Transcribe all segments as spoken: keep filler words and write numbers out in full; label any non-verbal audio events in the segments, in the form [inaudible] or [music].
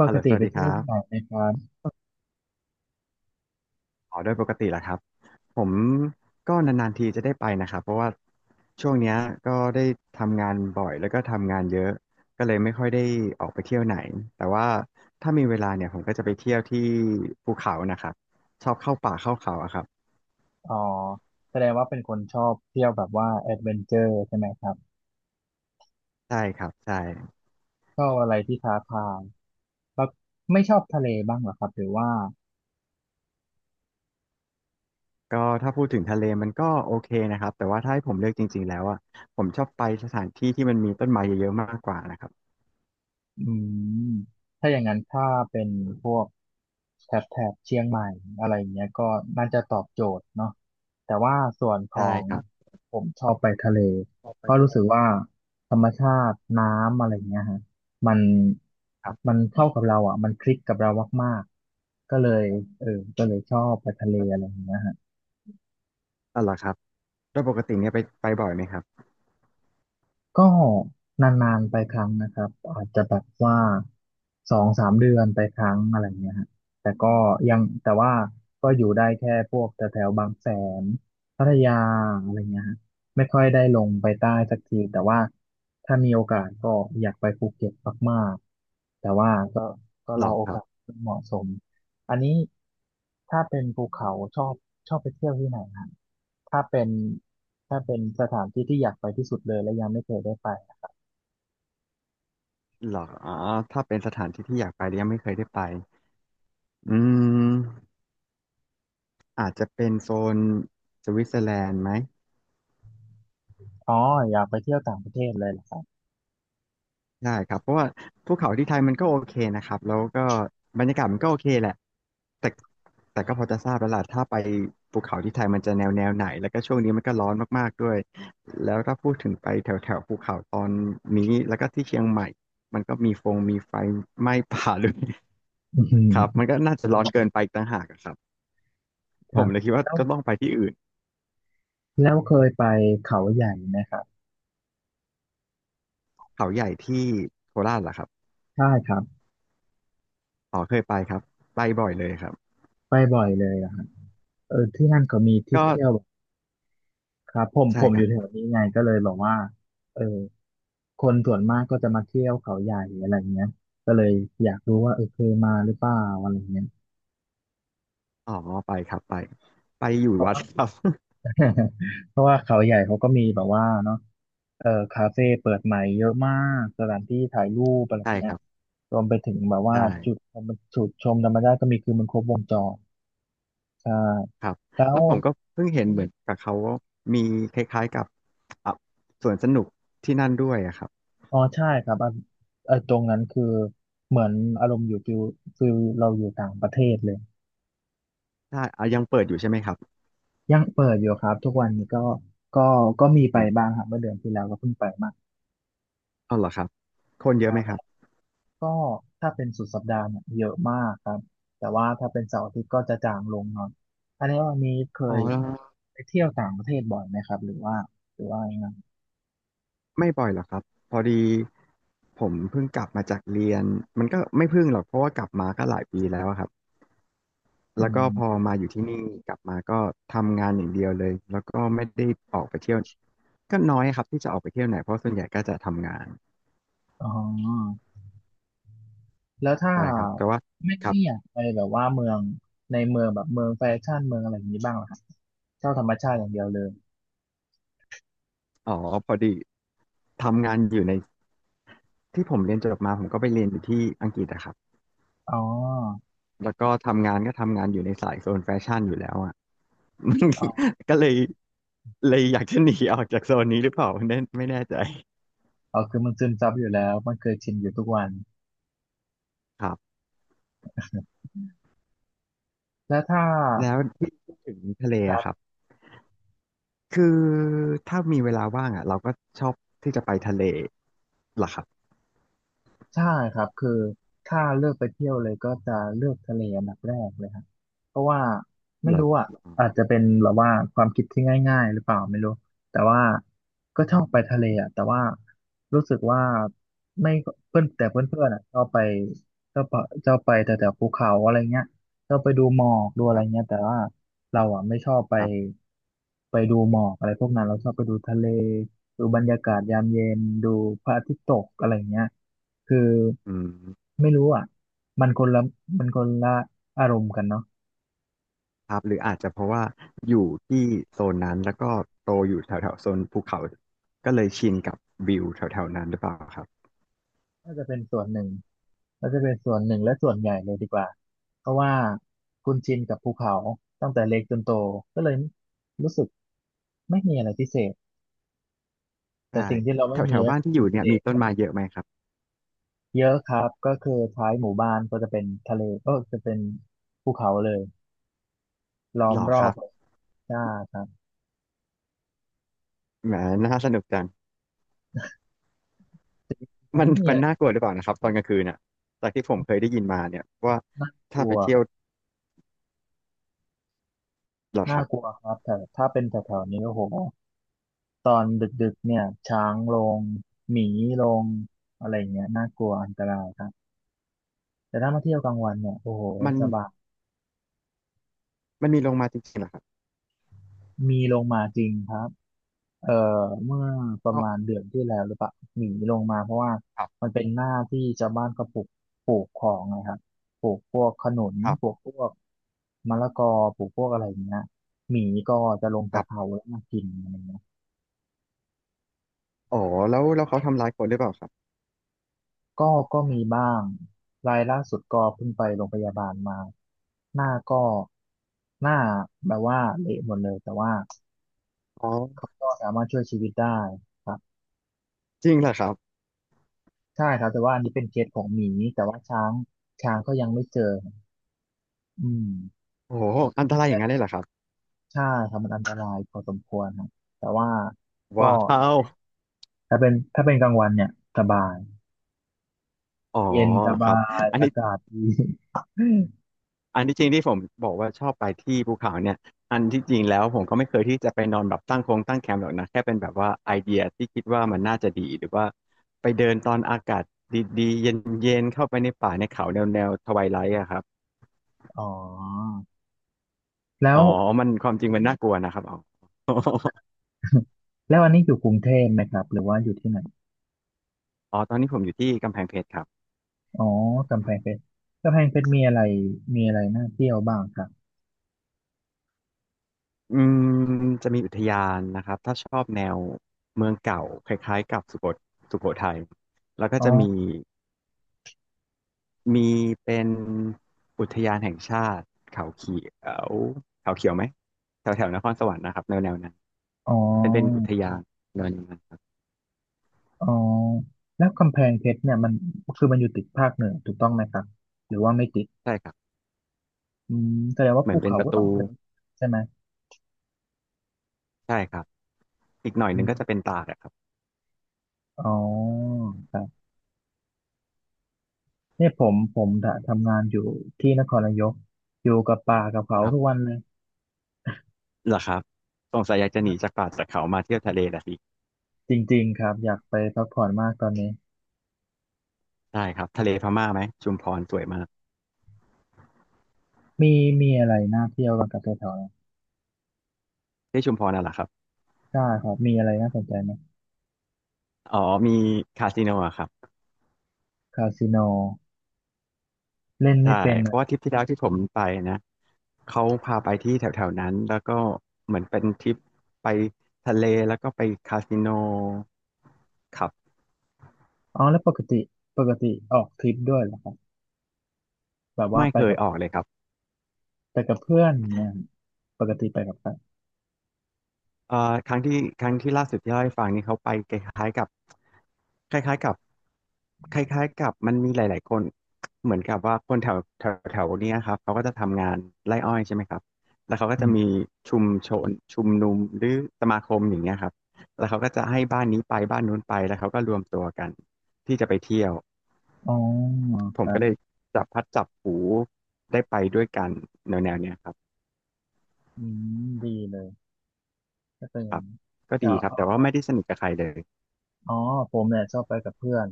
ปฮัลกโหลสติวัไปสดีคเที่ยวรับที่ไหนไหมครับอ๋อโดยปกติแหละครับ ผมก็นานๆทีจะได้ไปนะครับเพราะว่าช่วงเนี้ยก็ได้ทำงานบ่อยแล้วก็ทำงานเยอะ ก็เลยไม่ค่อยได้ออกไปเที่ยวไหน แต่ว่าถ้ามีเวลาเนี่ยผมก็จะไปเที่ยวที่ภูเขานะครับ ชอบเข้าป่าเข้าเขาอะครับ อ๋อแสดงว่าเป็นคนชอบเที่ยวแบบว่าแอดเวนเจอร์ใช่ไหมครับ ใช่ครับ ใช่ ชอบอะไรที่ท้าทายแล้วไม่ชอบทะเลบ้างเหรอครับหรือว่า ก็ถ้าพูดถึงทะเลมันก็โอเคนะครับ แต่ว่าถ้าให้ผมเลือกจริงๆแล้วอะผมชอบไปสถานที่ที่มันมีต้นไม้เยอะๆมากกว่านะครับอืมถ้าอย่างนั้นถ้าเป็นพวกแถบแถบเชียงใหม่อะไรเงี้ยก็น่าจะตอบโจทย์เนาะแต่ว่าส่วนขอใช่งครับผมชอบไปทะเลก็รู้สึกว่าธรรมชาติน้ำอะไรเงี้ยฮะมันครัมับนเข้ากับเราอ่ะมันคลิกกับเรามากๆก็เลยเออก็เลยชอบไปทะเลอะไรเงี้ยฮะ อ๋อเหรอครับโดยปกติเนี่ยไปไปบ่อยไหมครับ ก็นานๆไปครั้งนะครับอาจจะแบบว่าสองสามเดือนไปครั้งอะไรเงี้ยฮะแต่ก็ยังแต่ว่าก็อยู่ได้แค่พวกแถวแถวบางแสนพัทยาอะไรเงี้ยฮะไม่ค่อยได้ลงไปใต้สักทีแต่ว่าถ้ามีโอกาสก็อยากไปภูเก็ตมากๆแต่ว่าก็ก็หรรออโอครักาสบที่เหมาะสม อันนี้ถ้าเป็นภูเขาชอบชอบไปเที่ยวที่ไหนครับถ้าเป็นถ้าเป็นสถานที่ที่อยากไปที่สุดเลยและยังไม่เคยได้ไปอะหรออ๋อถ้าเป็นสถานที่ที่อยากไปแล้วยังไม่เคยได้ไปอืมอาจจะเป็นโซนสวิตเซอร์แลนด์ไหมอ๋ออยากไปเที่ยวต่างประเทศเลยเหรอครับได้ครับเพราะว่าภูเขาที่ไทยมันก็โอเคนะครับแล้วก็บรรยากาศมันก็โอเคแหละแต่แต่ก็พอจะทราบแล้วล่ะถ้าไปภูเขาที่ไทยมันจะแนวแนวไหนแล้วก็ช่วงนี้มันก็ร้อนมากๆด้วยแล้วถ้าพูดถึงไปแถวแถวภูเขาตอนนี้แล้วก็ที่เชียงใหม่มันก็มีฟงมีไฟไหม้ [laughs] ป่าด้วย อื [laughs] ครับมัมนก็น่าจะร้อนเกินไปอีกต่างหากอะครับ คผรัมบเลยคิดว่าแล้วก็ต้องไปที่อื่นแล้วเคยไปเขาใหญ่ไหมครับเขาใหญ่ที่โคราชเหรอครับใช่ครับอ๋อเคยไปครับไปบ่อยเลยครับไปบ่อยเลยอะครับเออที่นั่นก็มีที่ก็เที่ยวครับผมใช่ผมคอรัยู่บแถวนี้ไงก็เลยบอกว่าเออคนส่วนมากก็จะมาเที่ยวเขาใหญ่อะไรเงี้ยก็เลยอยากรู้ว่าเออเคยมาหรือเปล่าอะไรเงี้ย อ๋อไปครับไปไปอยู่วัดครับ [laughs] เพราะว่าเขาใหญ่เขาก็มีแบบว่าเนาะเออคาเฟ่เปิดใหม่เยอะมากสถานที่ถ่ายรู [laughs] ปอะไรอใช่ย่างเงี้คยรับรวมไปถึงแบบว่าใช่จุดจุดชมธรรมชาติก็มีคือมันครบวงจรใช่ครับแล้แล้ววผมก็เพิ่งเห็นเหมือนกับเขาว่ามีคล้ายๆกับอ่ะสวนสนุกที่นั่นด้วยอะครับอ๋อใช่ครับอ่ะเออตรงนั้นคือเหมือนอารมณ์อยู่ฟิลฟิลเราอยู่ต่างประเทศเลยใช่อ่ะยังเปิดอยู่ใช่ไหมครับยังเปิดอยู่ครับทุกวันนี้ก็ก็ก็มีไปอืบ้างมครับเมื่อเดือนที่แล้วก็เพิ่งไปมาเอาเหรอครับคนเยคอะไหรัมคบ รับก็ถ้าเป็นสุดสัปดาห์เนี่ยเยอะมากครับแต่ว่าถ้าเป็นเสาร์อาทิตย์ก็จะจางลงหน่อยอันนี้วันนี้เคอ๋อยแล้วไปเที่ยวต่างประเทศบ่อยไหมครับหรือว่าหรือว่ายังไงไม่บ่อยหรอกครับพอดีผมเพิ่งกลับมาจากเรียนมันก็ไม่เพิ่งหรอกเพราะว่ากลับมาก็หลายปีแล้วอะครับ แล้อืวก็พอมมาอยู่ที่นี่กลับมาก็ทำงานอย่างเดียวเลยแล้วก็ไม่ได้ออกไปเที่ยวก็น้อยครับที่จะออกไปเที่ยวไหนเพราะส่วนใหญ่ก็จะทำงานอ๋อแล้วถ้าใช่ครับแต่ว่าไม่ครับไม่อยากไปแบบว่าเมืองในเมืองแบบเมืองแฟชั่นเมืองอะไรอย่างนี้บ้างเหรอครับเที่ยวธรรมชาติอย่างเดียวเลยอ๋อพอดีทำงานอยู่ในที่ผมเรียนจบมาผมก็ไปเรียนอยู่ที่อังกฤษอะครับอ๋อแล้วก็ทำงานก็ทำงานอยู่ในสายโซนแฟชั่นอยู่แล้วอะ อ๋อ [laughs] ก็เลยเลยอยากจะหนีออกจากโซนนี้หรือเปล่าไม่แน่ไม่แน่ใจอ๋อคือมันซึมซับอยู่แล้วมันเคยชินอยู่ทุกวันครับแล้วถ้าแล้วที่พูดถึงทะเลครัอะครับ บ คือถ้ามีเวลาว่างอ่ะเราก็ชอบที่จะไปทะเลล่ะครับใช่ครับคือถ้าเลือกไปเที่ยวเลยก็จะเลือกทะเลอันดับแรกเลยครับเพราะว่าไม่เหรารู้อ่ะอืมอาจจะเป็นแบบว่าความคิดที่ง่ายๆหรือเปล่าไม่รู้แต่ว่าก็ชคอรับบไปทะเลอ่ะแต่ว่ารู้สึกว่าไม่เพื่อนแต่เพื่อนๆอ่ะชอบไปชอบไปชอบไปแต่แต่ภูเขาอะไรเงี้ยชอบไปดูหมอกดูอะคไรรัเงี้ยบแต่ว่าเราอ่ะไม่ชอบไปครับไปดูหมอกอะไรพวกนั้นเราชอบไปดูทะเลดูบรรยากาศยามเย็นดูพระอาทิตย์ตกอะไรเงี้ย คืออืมไม่รู้อ่ะมันคนละมันคนละอารมณ์กันเนาะครับหรืออาจจะเพราะว่าอยู่ที่โซนนั้นแล้วก็โตอยู่แถวแถวโซนภูเขาก็เลยชินกับวิวแถวแถวนั้นหรือเปล่าครับน่าจะเป็นส่วนหนึ่งน่าจะเป็นส่วนหนึ่งและส่วนใหญ่เลยดีกว่าเพราะว่าคุณชินกับภูเขาตั้งแต่เล็กจนโตก็เลยรู้สึกไม่มีอะไรพิเศษแต่ใช่สิ่งที่เราแถไม่วแถมีวก็บ้านที่อยู่เนี่ยคือมีทะต้เลนไม้เยอะไหมครับเยอะครับก็คือท้ายหมู่บ้านก็จะเป็นทะเลก็จะเป็นภูเขาเลยล้อหมรอรคอบรับเลยใช่ครับแหมน่าสนุกจังแต่มันไม่มีมัอะนไรน่ากลัวหรือเปล่านะครับตอนกลางคืนอ่ะจากที่ผมเคยได้ยินมาเนี่ยว่าน่ากถ้าลัไปวเที่คยรัวบหรอคน่ารับกลัวครับแต่ถ้าเป็นแถวๆนี้โอ้โห ตอนดึกๆเนี่ยช้างลงหมีลงอะไรอย่างเงี้ยน่ากลัวอันตรายครับแต่ถ้ามาเที่ยวกลางวันเนี่ยโอ้โหมันสบายมันมีลงมาจริงๆเหรอครับมีลงมาจริงครับเอ่อเมื่อประอ๋อมาณเดือนที่แล้วหรือเปล่าหมีลงมาเพราะว่าครับมันเป็นหน้าที่ชาวบ้านก็ปลูกปลูกของนะครับปลูกพวกขนุนครัปลูบกพวกมะละกอปลูกพวกอะไรอย่างเงี้ยหมีก็จะลงคจารักเขาบ แล้วมากินอะไรอย่างเงี้ย อ๋อแล้วแล้วเขาทำร้ายคนหรือเปล่าครับก็ก็มีบ้าง รายล่าสุดก็เพิ่งไปโรงพยาบาลมา หน้าก็หน้าแบบว่าเละหมดเลย แต่ว่าอ๋อเขาก็สามารถช่วยชีวิตได้ครับจริงเหรอครับใช่ครับแต่ว่าอันนี้เป็นเคสของหมี แต่ว่าช้างช้างก็ยังไม่เจอ อืมโอ้โหอันตรายอย่างนั้นเลยเหรอครับใช่ครับมันอันตรายพอสมควรครับแต่ว่าวก็้าวถ้าเป็นถ้าเป็นกลางวันเนี่ยสบาย อ๋อเย็นสครับาบย อันอานี้กาศดี [laughs] อันที่จริงที่ผมบอกว่าชอบไปที่ภูเขาเนี่ยอันที่จริงแล้วผมก็ไม่เคยที่จะไปนอนแบบตั้งโครงตั้งแคมป์หรอกนะแค่เป็นแบบว่าไอเดียที่คิดว่ามันน่าจะดีหรือว่าไปเดินตอนอากาศดีๆเย็นๆเข้าไปในป่าในเขาแนวแนวทไวไลท์อะครับอ๋อ แล้อ๋อว มันความจริงมันน่ากลัวนะครับอ๋อ [laughs] แล้วอันนี้อยู่กรุงเทพไหมครับหรือว่าอยู่ที่ไหน [laughs] อ๋อตอนนี้ผมอยู่ที่กำแพงเพชรครับ อ๋อกำแพงเพชรกำแพงเพชรมีอะไรมีอะไรน่าเที่ยวบ้างครับอืมจะมีอุทยานนะครับถ้าชอบแนวเมืองเก่าคล้ายๆกับสุโขสุโขทัยแล้วก็อ๋อจะมีมีเป็นอุทยานแห่งชาติเขาเขียวเขาเขียวไหมแถวแถวนครสวรรค์นะครับแนวแนวนั้นอ๋อเป็นเป็นอุทยานแนวนนั้นครับอ๋อแล้วกำแพงเพชรเนี่ยมันคือมันอยู่ติดภาคเหนือถูกต้องไหมครับหรือว่าไม่ติดใช่ครับอืมแสดงว่าเหมืภูอนเป็นเขาประก็ต้อตูงเยอะใช่ไหมใช่ครับอีกหน่อยหอืนึงก็มจะเป็นตากอะครับอ๋อครับเนี่ยผมผมทำงานอยู่ที่นครนายกอยู่กับป่ากับเขาครัทุกบวันเลยเหรอครับสงสัยอยากจะหนีจากป่าจากเขามาเที่ยวทะเลละสิจริงๆครับอยากไปพักผ่อนมากตอนนี้ใช่ครับทะเลพม่าไหมชุมพรสวยมากมีมีอะไรน่าเที่ยวบ้างกับแถวๆนั้น ที่ชุมพรน่ะเหรอครับได้ครับมีอะไรน่าสนใจไหมอ๋อมีคาสิโนอะครับ คาสิโนเล่นไม่ใช่เป็นเพอะราะว่าทริปที่แล้วที่ผมไปนะเขาพาไปที่แถวๆนั้นแล้วก็เหมือนเป็นทริปไปทะเลแล้วก็ไปคาสิโนครับอ๋อแล้วปกติปกติออกทริปด้วยเหรอครับแบบว่าไม่ไปเคยกับออกเลยครับ ไปกับเพื่อนอย่างเนี่ยปกติไปกับใครเอ่อครั้งที่ครั้งที่ล่าสุดที่เล่าให้ฟังนี่เขาไปคล้ายๆกับคล้ายๆกับคล้ายๆกับมันมีหลายๆคนเหมือนกับว่าคนแถวแถวแถวเนี้ยครับเขาก็จะทำงานไร่อ้อยใช่ไหมครับแล้วเขาก็อืจะมมีชุมชนชุมนุมหรือสมาคมอย่างเงี้ยครับแล้วเขาก็จะให้บ้านนี้ไปบ้านนู้นไปแล้วเขาก็รวมตัวกันที่จะไปเที่ยวอ๋อผคมรัก็เลยบจับพัดจับผูได้ไปด้วยกันแนวๆเนี้ยครับอืมดีเลยก็เป็นอคย่ารังบนี้ก็จะดีครับแต่ว่าไม่ได้สนิทกับใครเลยอ๋อผมเนี่ยชอบไปกับเพื่อน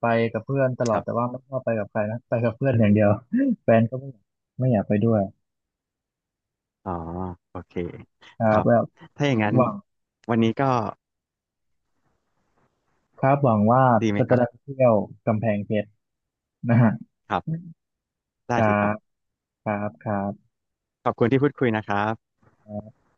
ไปกับเพื่อนตลอคดรัแต่บ ว่าไม่ชอบไปกับใครนะไปกับเพื่อนอย่างเดียว [laughs] แฟนก็ไม่อยากไม่อยากไปด้วยอ๋อโอเคครัครับบแล้วถ้าอย่างนั้นหวังวันนี้ก็ครับหวังว่าดีไหมก็คจะรับได้ไปเที่ยวกำแพงเพชรนะฮะครับคได้รัสิครับบครับครับขอบคุณที่พูดคุยนะครับ